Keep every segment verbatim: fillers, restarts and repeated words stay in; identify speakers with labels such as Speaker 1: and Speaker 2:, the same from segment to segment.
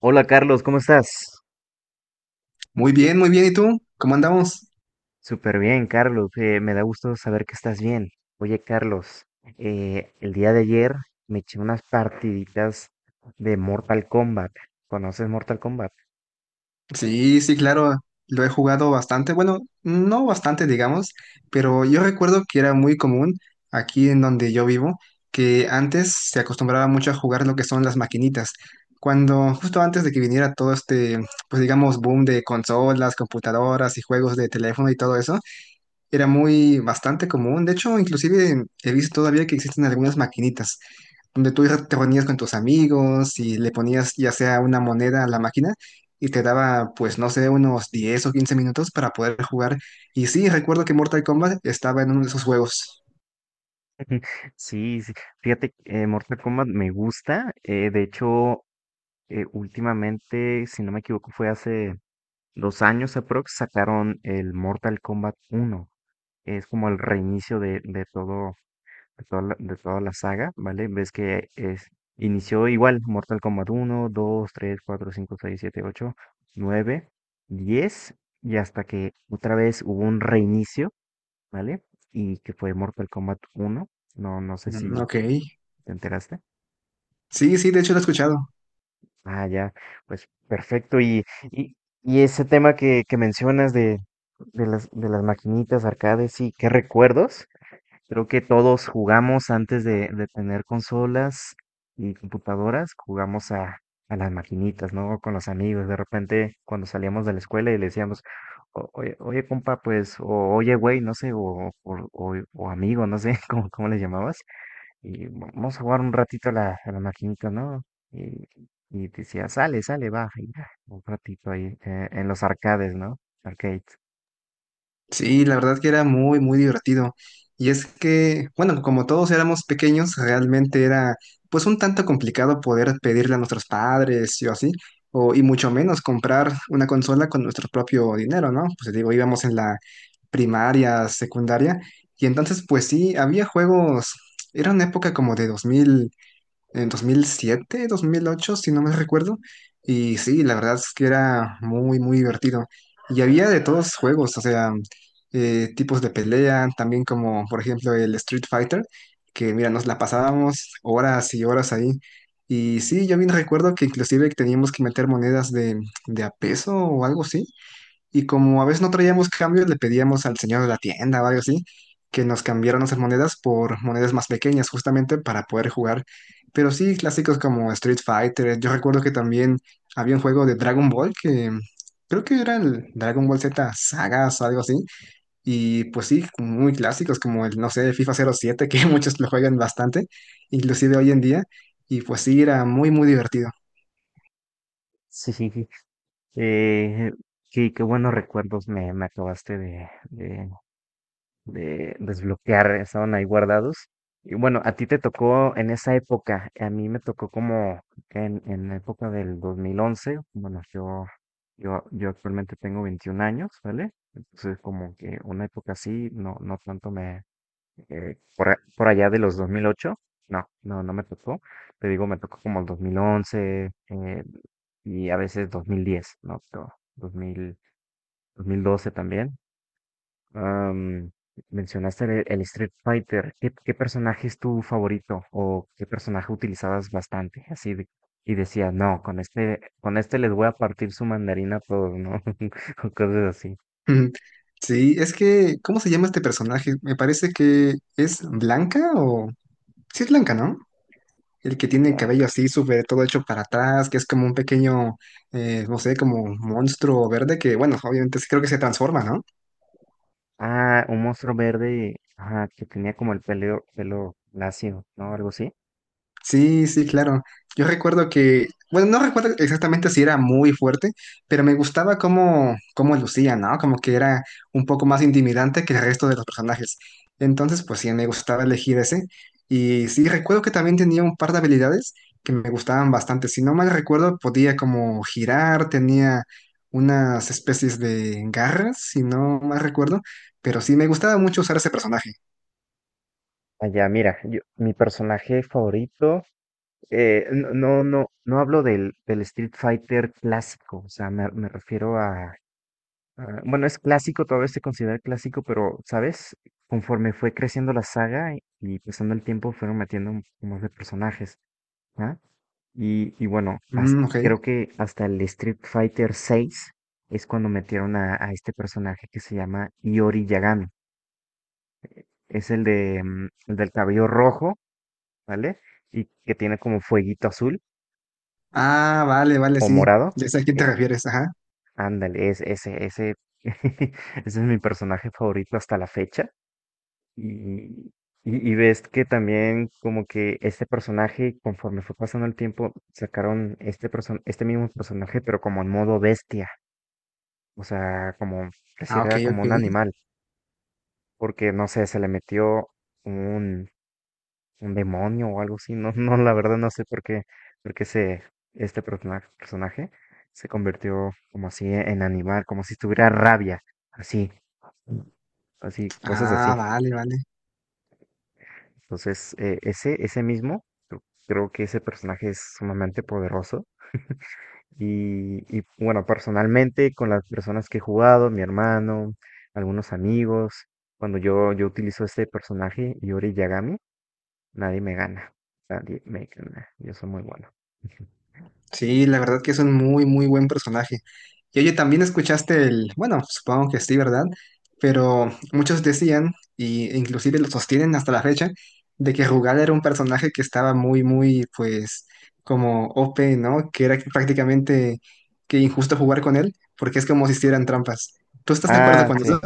Speaker 1: Hola Carlos, ¿cómo estás?
Speaker 2: Muy bien, muy bien. ¿Y tú? ¿Cómo andamos?
Speaker 1: Súper bien, Carlos. Eh, me da gusto saber que estás bien. Oye, Carlos, eh, el día de ayer me eché unas partiditas de Mortal Kombat. ¿Conoces Mortal Kombat?
Speaker 2: Sí, sí, claro. Lo he jugado bastante. Bueno, no bastante, digamos, pero yo recuerdo que era muy común aquí en donde yo vivo, que antes se acostumbraba mucho a jugar lo que son las maquinitas. Cuando, justo antes de que viniera todo este, pues digamos, boom de consolas, computadoras y juegos de teléfono y todo eso, era muy bastante común. De hecho, inclusive he visto todavía que existen algunas maquinitas, donde tú te reunías con tus amigos y le ponías ya sea una moneda a la máquina y te daba, pues no sé, unos diez o quince minutos para poder jugar. Y sí, recuerdo que Mortal Kombat estaba en uno de esos juegos.
Speaker 1: Sí, sí. Fíjate, eh, Mortal Kombat me gusta. Eh, de hecho, eh, últimamente, si no me equivoco, fue hace dos años aprox, sacaron el Mortal Kombat uno. Es como el reinicio de, de todo, de toda la, de toda la saga, ¿vale? Ves que es, inició igual, Mortal Kombat uno, dos, tres, cuatro, cinco, seis, siete, ocho, nueve, diez, y hasta que otra vez hubo un reinicio, ¿vale? Y que fue Mortal Kombat uno. No, no sé
Speaker 2: Mm,
Speaker 1: si
Speaker 2: ok.
Speaker 1: te enteraste.
Speaker 2: Sí, sí, de hecho lo he escuchado.
Speaker 1: Ah, ya, pues perfecto. Y, y, y ese tema que, que mencionas de, de las, de las maquinitas, arcades, sí, qué recuerdos. Creo que todos jugamos antes de, de tener consolas y computadoras, jugamos a, a las maquinitas, ¿no? Con los amigos. De repente, cuando salíamos de la escuela y le decíamos: "O- oye, oye, compa, pues, o oye, güey, no sé, o, o, o- o amigo, no sé, cómo, cómo les llamabas, y vamos a jugar un ratito a la, a la maquinita, ¿no?" Y, y decía, sale, sale, va, y ya, un ratito ahí, eh, en los arcades, ¿no? Arcades.
Speaker 2: Sí, la verdad que era muy, muy divertido. Y es que, bueno, como todos éramos pequeños, realmente era pues un tanto complicado poder pedirle a nuestros padres y o así, o, y mucho menos comprar una consola con nuestro propio dinero, ¿no? Pues digo, íbamos en la primaria, secundaria, y entonces pues sí, había juegos. Era una época como de en dos dos mil siete dos mil ocho, si no me recuerdo. Y sí, la verdad es que era muy, muy divertido. Y había de todos juegos, o sea, eh, tipos de pelea, también como por ejemplo el Street Fighter, que mira, nos la pasábamos horas y horas ahí. Y sí, yo bien recuerdo que inclusive teníamos que meter monedas de, de a peso o algo así, y como a veces no traíamos cambios, le pedíamos al señor de la tienda o algo así que nos cambiaran nuestras monedas por monedas más pequeñas, justamente para poder jugar. Pero sí, clásicos como Street Fighter. Yo recuerdo que también había un juego de Dragon Ball que creo que era el Dragon Ball Z Sagas o algo así. Y pues sí, muy clásicos como el, no sé, FIFA cero siete, que muchos lo juegan bastante, inclusive hoy en día. Y pues sí, era muy, muy divertido.
Speaker 1: Sí. Eh, sí, qué buenos recuerdos me, me acabaste de, de, de desbloquear, estaban ahí guardados. Y bueno, a ti te tocó en esa época, a mí me tocó como en, en la época del dos mil once. Bueno, yo, yo, yo actualmente tengo veintiún años, ¿vale? Entonces como que una época así, no, no tanto me, eh, por, a- por allá de los dos mil ocho. No, no, no me tocó. Te digo, me tocó como el dos mil once, eh, y a veces dos mil diez, ¿no? Pero dos mil, dos mil doce también. Am, mencionaste el, el Street Fighter. ¿Qué, qué personaje es tu favorito o qué personaje utilizabas bastante? Así de- y decías: no, con este, con este les voy a partir su mandarina a todos, ¿no? O cosas
Speaker 2: Ujú. Sí, es que, ¿cómo se llama este personaje? Me parece que es Blanca o... Sí, es Blanca, ¿no? El que tiene el
Speaker 1: así.
Speaker 2: cabello así, súper todo hecho para atrás, que es como un pequeño, eh, no sé, como monstruo verde que, bueno, obviamente sí creo que se transforma, ¿no?
Speaker 1: Ah, un monstruo verde, ajá, que tenía como el pelo, pelo lacio, ¿no? Algo así.
Speaker 2: Sí, sí, claro. Yo recuerdo que, bueno, no recuerdo exactamente si era muy fuerte, pero me gustaba cómo, cómo lucía, ¿no? Como que era un poco más intimidante que el resto de los personajes. Entonces, pues sí, me gustaba elegir ese. Y sí, recuerdo que también tenía un par de habilidades que me gustaban bastante. Si no mal recuerdo, podía como girar, tenía unas especies de garras, si no mal recuerdo, pero sí, me gustaba mucho usar ese personaje.
Speaker 1: Allá, mira, yo- mi personaje favorito, eh, no, no, no, no hablo del, del Street Fighter clásico, o sea, me, me refiero a, a- bueno, es clásico, todavía se considera clásico, pero, ¿sabes? Conforme fue creciendo la saga y, y pasando el tiempo, fueron metiendo un poco más de personajes, ¿ah? Y, y bueno, has-
Speaker 2: Mm, ok.
Speaker 1: creo que hasta el Street Fighter seis es cuando metieron a, a este personaje que se llama Iori Yagami. Es el de mm, el del cabello rojo, ¿vale? Y que tiene como fueguito azul
Speaker 2: Ah, vale, vale,
Speaker 1: o
Speaker 2: sí.
Speaker 1: morado.
Speaker 2: Ya sé a quién te
Speaker 1: Eh,
Speaker 2: refieres, ajá.
Speaker 1: Ándale, es, ese, ese, ese es mi personaje favorito hasta la fecha. Y, y, y ves que también como que este personaje, conforme fue pasando el tiempo, sacaron este, person este mismo personaje, pero como en modo bestia. O sea, como,
Speaker 2: Ah,
Speaker 1: pareciera
Speaker 2: ok,
Speaker 1: era como
Speaker 2: ok.
Speaker 1: un animal, porque no sé, se le metió un, un demonio o algo así. No, no, la verdad no sé por qué, por qué se, este persona- personaje se convirtió como así en animal, como si tuviera rabia, así, así, cosas así.
Speaker 2: Ah, vale, vale.
Speaker 1: Entonces, eh, ese, ese mismo, cre- creo que ese personaje es sumamente poderoso. Y, y, bueno, personalmente con las personas que he jugado, mi hermano, algunos amigos, cuando yo, yo utilizo este personaje, Yori Yagami, nadie me gana. Nadie me gana. Yo soy muy bueno.
Speaker 2: Sí, la verdad que es un muy, muy buen personaje. Y oye, también escuchaste el, bueno, supongo que sí, ¿verdad? Pero muchos decían, y e inclusive lo sostienen hasta la fecha, de que Rugal era un personaje que estaba muy, muy, pues, como O P, ¿no? Que era prácticamente que injusto jugar con él, porque es como si hicieran trampas. ¿Tú estás de acuerdo
Speaker 1: Ah,
Speaker 2: con
Speaker 1: sí.
Speaker 2: eso?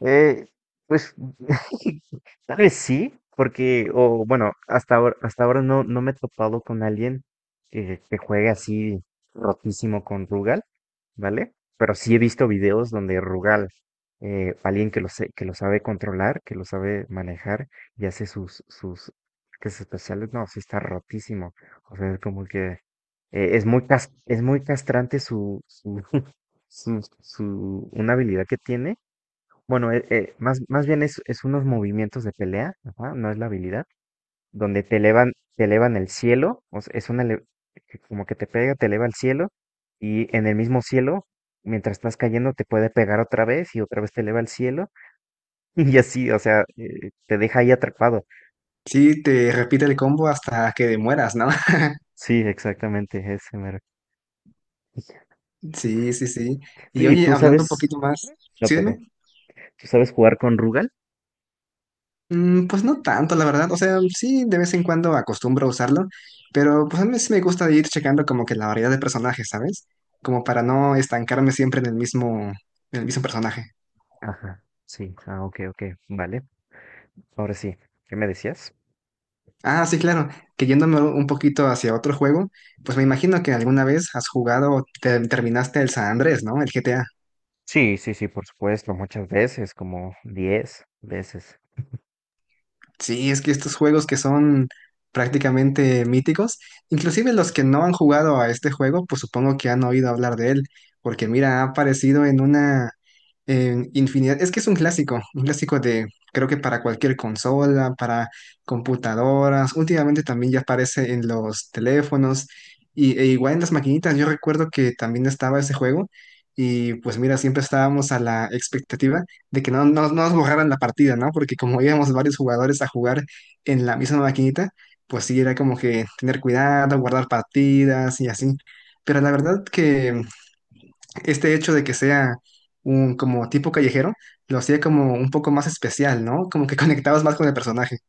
Speaker 1: Eh, pues tal vez sí, porque, o bueno, hasta ahora, hasta ahora no, no me he topado con alguien que, que juegue así rotísimo con Rugal. ¿Vale? Pero sí he visto videos donde Rugal, eh, alguien que lo, sé- que lo sabe controlar, que lo sabe manejar y hace sus, sus ataques especiales, no, sí está rotísimo. O sea, es como que eh, es muy, cas- es muy castrante su, su, su, su- una habilidad que tiene. Bueno, eh, eh, más, más bien es, es unos movimientos de pelea, ajá, no es la habilidad donde te elevan, te elevan el cielo, o sea, es una ele- que como que te pega, te eleva el cielo, y en el mismo cielo, mientras estás cayendo, te puede pegar otra vez y otra vez te eleva el cielo, y así, o sea, eh, te deja ahí atrapado.
Speaker 2: Sí, te repite el combo hasta que mueras, ¿no?
Speaker 1: Sí, exactamente, ese mero. Sí.
Speaker 2: Sí, sí, sí.
Speaker 1: Tú-
Speaker 2: Y
Speaker 1: ¿Y
Speaker 2: oye,
Speaker 1: tú
Speaker 2: hablando un
Speaker 1: sabes?
Speaker 2: poquito más,
Speaker 1: No,
Speaker 2: sí,
Speaker 1: perdón.
Speaker 2: dime.
Speaker 1: ¿Tú sabes jugar con Rugal?
Speaker 2: Mm, pues no tanto, la verdad. O sea, sí, de vez en cuando acostumbro a usarlo, pero pues a mí sí me gusta ir checando como que la variedad de personajes, ¿sabes? Como para no estancarme siempre en el mismo, en el mismo personaje.
Speaker 1: Ajá. Sí. Ah, ok, ok. Vale. Ahora sí. ¿Qué me decías?
Speaker 2: Ah, sí, claro, que yéndome un poquito hacia otro juego, pues me imagino que alguna vez has jugado o te- terminaste el San Andrés, ¿no? El G T A.
Speaker 1: Sí, sí, sí, por supuesto, muchas veces, como diez veces.
Speaker 2: Sí, es que estos juegos que son prácticamente míticos, inclusive los que no han jugado a este juego, pues supongo que han oído hablar de él, porque mira, ha aparecido en una en infinidad. Es que es un clásico, un clásico de, creo que para cualquier consola, para computadoras. Últimamente también ya aparece en los teléfonos y, e igual en las maquinitas. Yo recuerdo que también estaba ese juego y pues mira, siempre estábamos a la expectativa de que no, no, no nos borraran la partida, ¿no? Porque como íbamos varios jugadores a jugar en la misma maquinita, pues sí, era como que tener cuidado, guardar partidas y así. Pero la verdad que este hecho de que sea un como tipo callejero lo hacía como un poco más especial, ¿no? Como que conectabas más con el personaje.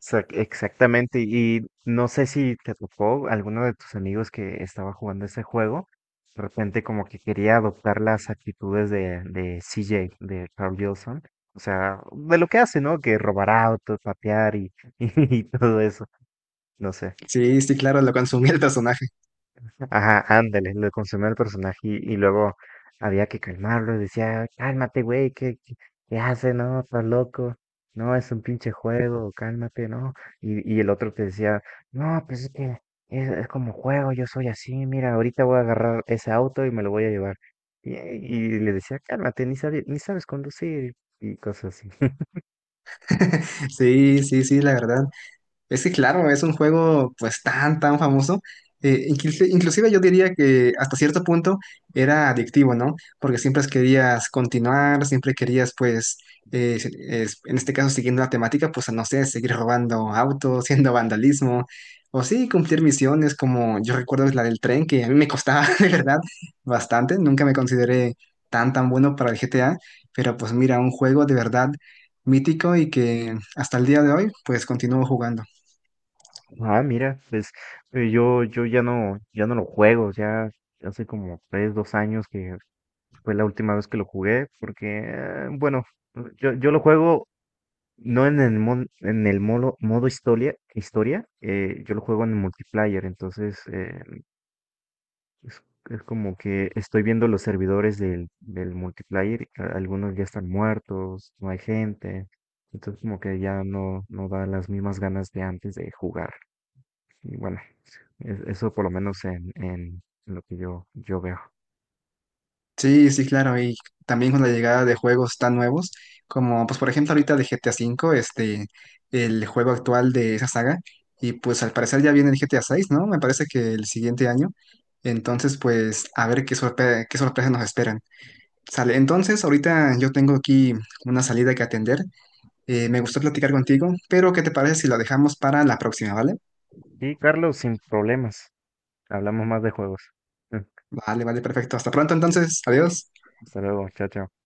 Speaker 1: Exac- Exactamente, y no sé si te tocó alguno de tus amigos que estaba jugando ese juego, de repente como que quería adoptar las actitudes de, de C J, de Carl Wilson, o sea, de lo que hace, ¿no? Que robar autos, patear y, y todo eso, no sé.
Speaker 2: Sí, sí, claro, lo consumía el personaje.
Speaker 1: Ajá, ándale, lo consumió el personaje y, y luego había que calmarlo, decía: cálmate, güey, ¿qué, qué, qué hace? No, estás loco, no, es un pinche juego, cálmate, ¿no? Y, y el otro te decía: no, pues es que es, es como juego, yo soy así, mira, ahorita voy a agarrar ese auto y me lo voy a llevar. Y, y le decía: cálmate, ni sabes, ni sabes conducir y cosas así.
Speaker 2: Sí, sí, sí, la verdad. Es que claro, es un juego pues tan, tan famoso. Eh, inclusi- inclusive yo diría que hasta cierto punto era adictivo, ¿no? Porque siempre querías continuar, siempre querías pues, eh, si- es- en este caso siguiendo la temática, pues no sé, seguir robando autos, haciendo vandalismo, o sí, cumplir misiones como yo recuerdo la del tren, que a mí me costaba de verdad bastante. Nunca me consideré tan, tan bueno para el G T A, pero pues mira, un juego de verdad mítico y que hasta el día de hoy pues continúo jugando.
Speaker 1: Ah, mira, pues eh, yo, yo ya no, ya no lo juego, ya hace como tres, dos años que fue la última vez que lo jugué, porque, eh, bueno, yo, yo lo juego no en el, mon- en el modo, modo historia, historia eh, yo lo juego en multiplayer, entonces eh, es, es como que estoy viendo los servidores del, del multiplayer, y a- algunos ya están muertos, no hay gente, entonces como que ya no, no da las mismas ganas de antes de jugar. Y bueno, es- eso por lo menos en, en lo que yo, yo veo.
Speaker 2: Sí, sí, claro, y también con la llegada de juegos tan nuevos, como pues por ejemplo ahorita de G T A cinco V, este, el juego actual de esa saga, y pues al parecer ya viene el G T A seis, ¿no? Me parece que el siguiente año. Entonces pues a ver qué sorpre- qué sorpresas nos esperan. Sale, entonces ahorita yo tengo aquí una salida que atender, eh, me gustó platicar contigo, pero ¿qué te parece si la dejamos para la próxima, ¿vale?
Speaker 1: Y Carlos, sin problemas, hablamos más de juegos.
Speaker 2: Vale, vale, perfecto, hasta pronto entonces, adiós.
Speaker 1: Hasta luego, chao, chao.